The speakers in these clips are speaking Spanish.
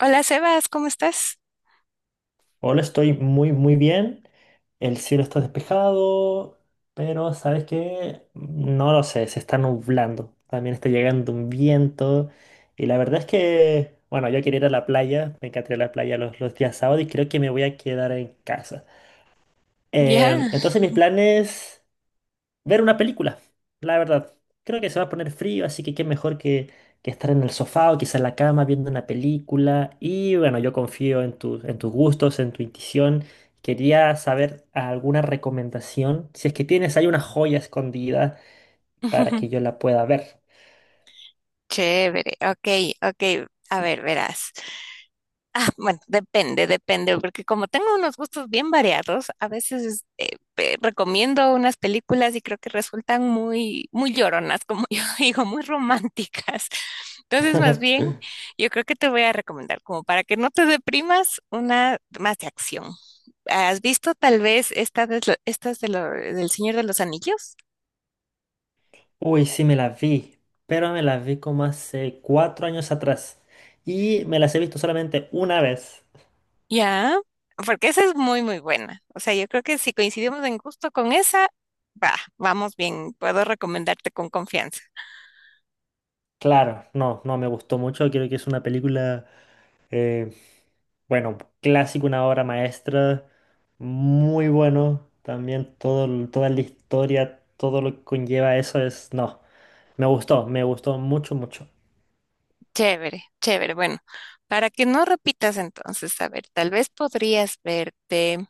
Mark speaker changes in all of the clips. Speaker 1: Hola Sebas, ¿cómo estás?
Speaker 2: Hola, estoy muy, muy bien. El cielo está despejado, pero ¿sabes qué? No lo sé, se está nublando. También está llegando un viento. Y la verdad es que, bueno, yo quería ir a la playa, me encantaría ir a la playa los días sábados y creo que me voy a quedar en casa. Em,
Speaker 1: Ya.
Speaker 2: entonces mis planes ver una película, la verdad. Creo que se va a poner frío, así que qué mejor que estar en el sofá o quizá en la cama viendo una película. Y bueno, yo confío en en tus gustos, en tu intuición. Quería saber alguna recomendación, si es que tienes ahí una joya escondida para que yo la pueda ver.
Speaker 1: Chévere, ok, ok. A ver, verás. Ah, bueno, depende, porque como tengo unos gustos bien variados, a veces recomiendo unas películas y creo que resultan muy, muy lloronas, como yo digo, muy románticas. Entonces, más bien, yo creo que te voy a recomendar, como para que no te deprimas, una más de acción. ¿Has visto tal vez estas de del Señor de los Anillos?
Speaker 2: Uy, sí me la vi, pero me la vi como hace 4 años atrás y me las he visto solamente una vez.
Speaker 1: Ya, porque esa es muy, muy buena. O sea, yo creo que si coincidimos en gusto con esa, vamos bien. Puedo recomendarte con confianza.
Speaker 2: Claro, no, no me gustó mucho, creo que es una película eh, bueno, clásico, una obra maestra, muy bueno. También todo, toda la historia, todo lo que conlleva eso es, no, me gustó mucho, mucho.
Speaker 1: Chévere, chévere. Bueno, para que no repitas entonces, a ver, tal vez podrías verte.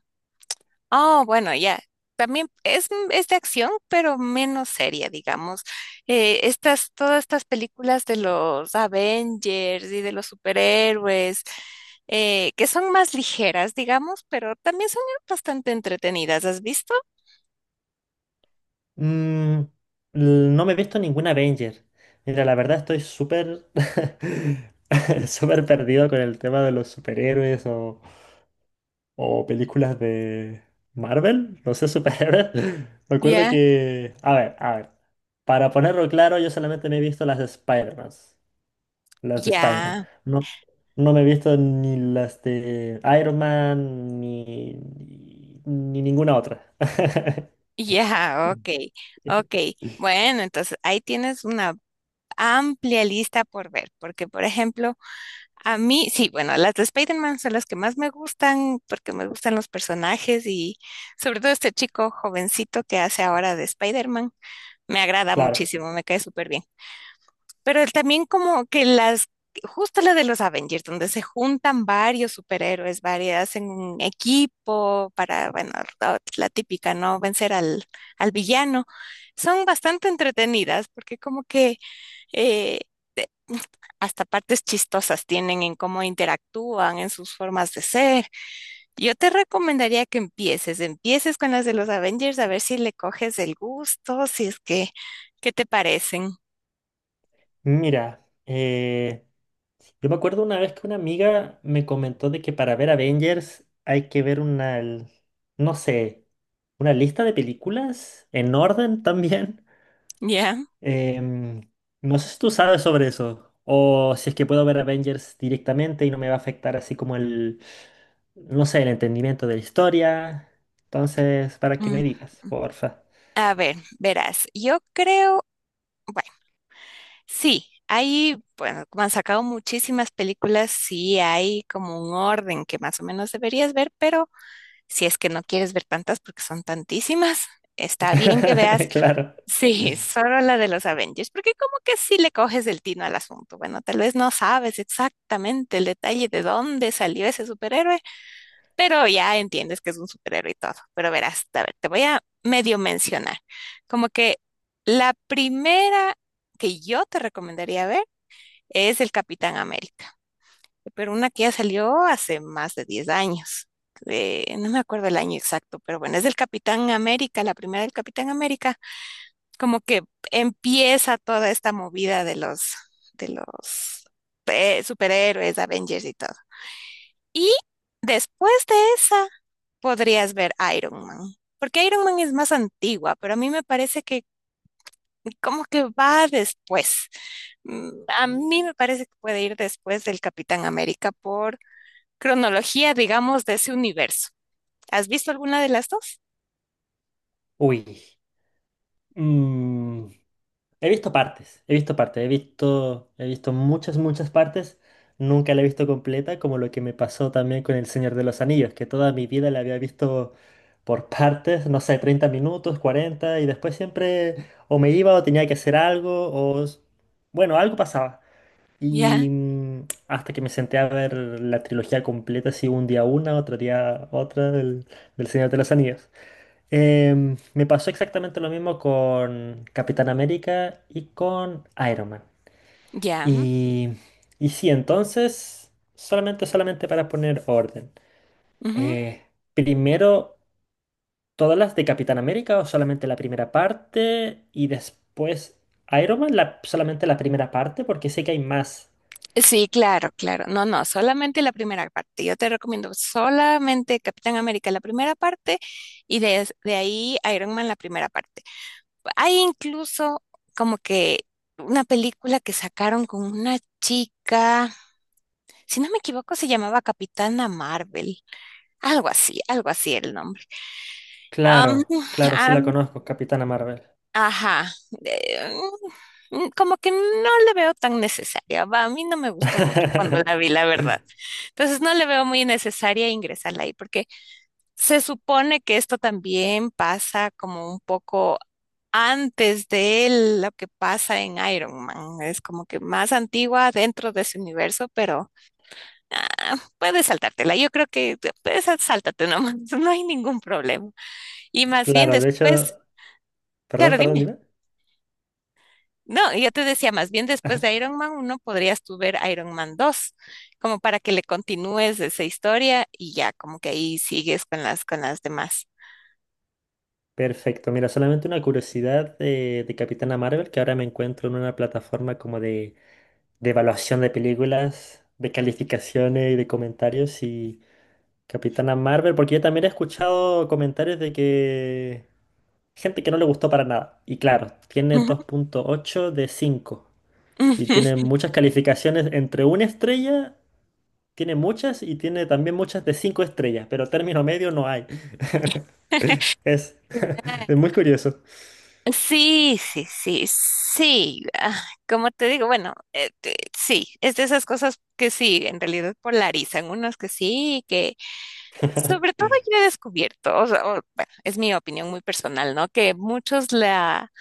Speaker 1: Oh, bueno, ya. También es de acción, pero menos seria, digamos. Todas estas películas de los Avengers y de los superhéroes, que son más ligeras, digamos, pero también son bastante entretenidas. ¿Has visto?
Speaker 2: Mm, no me he visto ninguna Avenger. Mira, la verdad estoy súper, súper perdido con el tema de los superhéroes o películas de Marvel, no sé, superhéroes. Me acuerdo
Speaker 1: Ya,
Speaker 2: que, a ver, para ponerlo claro, yo solamente me he visto las de Spider-Man.
Speaker 1: ya,
Speaker 2: No, no me he visto ni las de Iron Man ni ninguna otra.
Speaker 1: ya, ok, ok. Bueno, entonces ahí tienes una amplia lista por ver, porque por ejemplo, a mí, sí, bueno, las de Spider-Man son las que más me gustan porque me gustan los personajes y sobre todo este chico jovencito que hace ahora de Spider-Man, me agrada
Speaker 2: Claro.
Speaker 1: muchísimo, me cae súper bien. Pero él también como que justo la de los Avengers, donde se juntan varios superhéroes, varias, hacen un equipo para, bueno, la típica, ¿no? Vencer al villano, son bastante entretenidas porque como que... eh, hasta partes chistosas tienen en cómo interactúan, en sus formas de ser. Yo te recomendaría que empieces con las de los Avengers a ver si le coges el gusto, si es que, ¿qué te parecen?
Speaker 2: Mira, yo me acuerdo una vez que una amiga me comentó de que para ver Avengers hay que ver no sé, una lista de películas en orden también.
Speaker 1: ¿Ya?
Speaker 2: Em, no sé si tú sabes sobre eso, o si es que puedo ver Avengers directamente y no me va a afectar así como el, no sé, el entendimiento de la historia. Entonces, para que
Speaker 1: Mm.
Speaker 2: me digas, porfa.
Speaker 1: A ver, verás, yo creo, bueno, sí, hay, bueno, como han sacado muchísimas películas, sí hay como un orden que más o menos deberías ver, pero si es que no quieres ver tantas porque son tantísimas, está bien que veas.
Speaker 2: Claro.
Speaker 1: Sí, solo la de los Avengers, porque como que sí le coges el tino al asunto. Bueno, tal vez no sabes exactamente el detalle de dónde salió ese superhéroe, pero ya entiendes que es un superhéroe y todo. Pero verás, a ver, te voy a medio mencionar. Como que la primera que yo te recomendaría ver es el Capitán América, pero una que ya salió hace más de 10 años. No me acuerdo el año exacto, pero bueno, es del Capitán América, la primera del Capitán América como que empieza toda esta movida de de los superhéroes, Avengers y todo. Y después de esa podrías ver Iron Man, porque Iron Man es más antigua, pero a mí me parece que como que va después. Mm, a mí me parece que puede ir después del Capitán América por cronología, digamos, de ese universo. ¿Has visto alguna de las dos?
Speaker 2: Uy. Mm, He visto partes, he visto partes, he visto muchas, muchas partes. Nunca la he visto completa, como lo que me pasó también con El Señor de los Anillos, que toda mi vida la había visto por partes, no sé, 30 minutos, 40, y después siempre o me iba o tenía que hacer algo, bueno, algo pasaba.
Speaker 1: Ya,
Speaker 2: Y hasta que me senté a ver la trilogía completa, así un día una, otro día otra del Señor de los Anillos. Me pasó exactamente lo mismo con Capitán América y con Iron Man.
Speaker 1: ya.
Speaker 2: Y, y sí, entonces, solamente, solamente para poner orden.
Speaker 1: Ujú.
Speaker 2: eh, primero, ¿todas las de Capitán América o solamente la primera parte? Y después, Iron Man, solamente la primera parte, porque sé que hay más.
Speaker 1: Sí, claro, claro. No, no, solamente la primera parte. Yo te recomiendo solamente Capitán América, la primera parte, y de ahí Iron Man, la primera parte. Hay incluso como que una película que sacaron con una chica, si no me equivoco, se llamaba Capitana Marvel, algo así era el nombre. Am,
Speaker 2: Claro, claro, sí la
Speaker 1: am,
Speaker 2: conozco, Capitana Marvel.
Speaker 1: Ajá, eh, como que no le veo tan necesaria. Va, a mí no me gustó mucho cuando la vi, la verdad. Entonces no le veo muy necesaria ingresarla ahí, porque se supone que esto también pasa como un poco antes de lo que pasa en Iron Man. Es como que más antigua dentro de ese universo, pero puedes saltártela. Yo creo que puedes sáltate nomás, no hay ningún problema. Y más bien
Speaker 2: Claro, de hecho,
Speaker 1: después,
Speaker 2: perdón,
Speaker 1: claro,
Speaker 2: perdón,
Speaker 1: dime.
Speaker 2: dime.
Speaker 1: No, y yo te decía, más bien después de Iron Man uno podrías tú ver Iron Man 2, como para que le continúes esa historia y ya como que ahí sigues con las demás.
Speaker 2: Perfecto, mira, solamente una curiosidad de Capitana Marvel, que ahora me encuentro en una plataforma como de evaluación de películas, de calificaciones y de comentarios y Capitana Marvel, porque yo también he escuchado comentarios de que gente que no le gustó para nada. Y claro, tiene
Speaker 1: Ujú,
Speaker 2: 2,8 de 5 y tiene
Speaker 1: ujú.
Speaker 2: muchas calificaciones entre 1 estrella, tiene muchas y tiene también muchas de 5 estrellas, pero término medio no hay. Es, es muy curioso.
Speaker 1: Sí, sí, sí, sí. Como te digo, bueno, sí, es de esas cosas que sí, en realidad polarizan. Unos que sí, que sobre todo yo he descubierto, o sea, bueno, es mi opinión muy personal, ¿no? Que muchos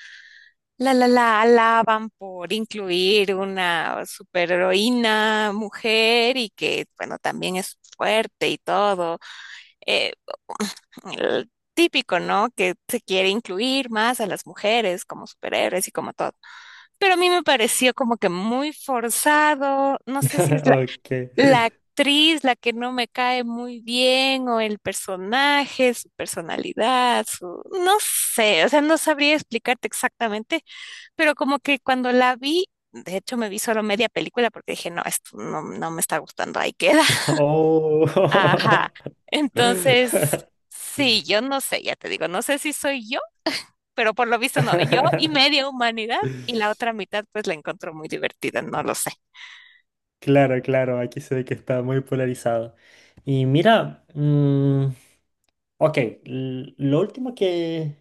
Speaker 1: la alaban por incluir una superheroína mujer y que, bueno, también es fuerte y todo. Eh, el típico, ¿no? Que se quiere incluir más a las mujeres como superhéroes y como todo. Pero a mí me pareció como que muy forzado. No sé si es
Speaker 2: Ok.
Speaker 1: la que no me cae muy bien, o el personaje, su personalidad, su... no sé, o sea, no sabría explicarte exactamente, pero como que cuando la vi, de hecho me vi solo media película porque dije, no, esto no, no me está gustando, ahí queda.
Speaker 2: Oh.
Speaker 1: Ajá. Entonces, sí, yo no sé, ya te digo, no sé si soy yo pero por lo visto no. Yo y media humanidad y la otra mitad pues la encontró muy divertida, no lo sé.
Speaker 2: Claro, claro, aquí se ve que está muy polarizado. Y mira, ok, lo último que,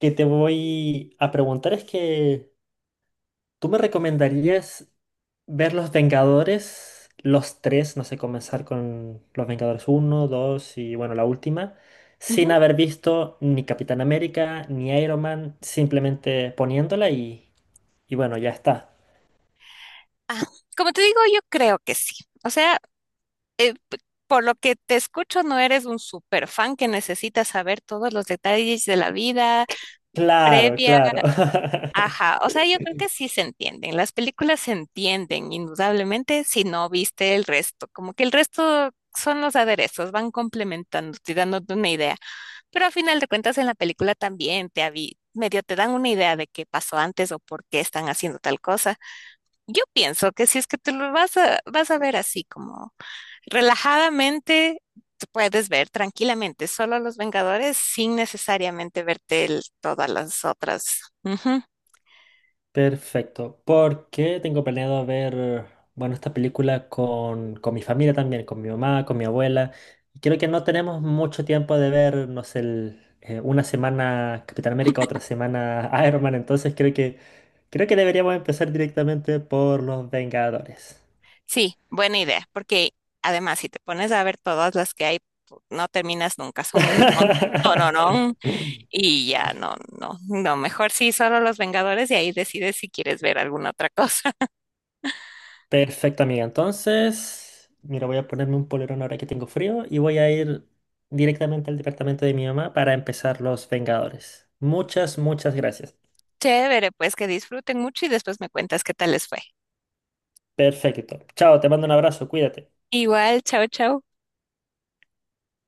Speaker 2: que te voy a preguntar es que tú me recomendarías ver Los Vengadores, los tres, no sé, comenzar con Los Vengadores uno, 2 y bueno, la última, sin
Speaker 1: Ujú.
Speaker 2: haber visto ni Capitán América, ni Iron Man, simplemente poniéndola. Y bueno, ya está.
Speaker 1: Ah, como te digo, yo creo que sí. O sea, eh, p- por lo que te escucho, no eres un super fan que necesita saber todos los detalles de la vida
Speaker 2: Claro,
Speaker 1: previa.
Speaker 2: claro.
Speaker 1: Ajá, o sea, yo creo que sí se entienden. Las películas se entienden, indudablemente, si no viste el resto. Como que el resto son los aderezos, van complementando, y dándote una idea. Pero a final de cuentas, en la película también te medio te dan una idea de qué pasó antes o por qué están haciendo tal cosa. Yo pienso que si es que te lo vas a ver así como relajadamente tú puedes ver tranquilamente solo Los Vengadores sin necesariamente verte todas las otras. Ujú.
Speaker 2: Perfecto. Porque tengo planeado ver, bueno, esta película con mi familia también, con mi mamá, con mi abuela. Y creo que no tenemos mucho tiempo de ver, no sé, una semana Capitán América, otra semana Iron Man. Entonces creo que, deberíamos empezar directamente por Los Vengadores.
Speaker 1: Sí, buena idea, porque además si te pones a ver todas las que hay, no terminas nunca, son un montón y ya no, no, no, mejor sí solo Los Vengadores y ahí decides si quieres ver alguna otra cosa.
Speaker 2: Perfecto, amiga. Entonces, mira, voy a ponerme un polerón ahora que tengo frío y voy a ir directamente al departamento de mi mamá para empezar Los Vengadores. Muchas, muchas gracias.
Speaker 1: Chévere, pues que disfruten mucho y después me cuentas qué tal les fue.
Speaker 2: Perfecto. Chao, te mando un abrazo, cuídate.
Speaker 1: Igual, chao, chao.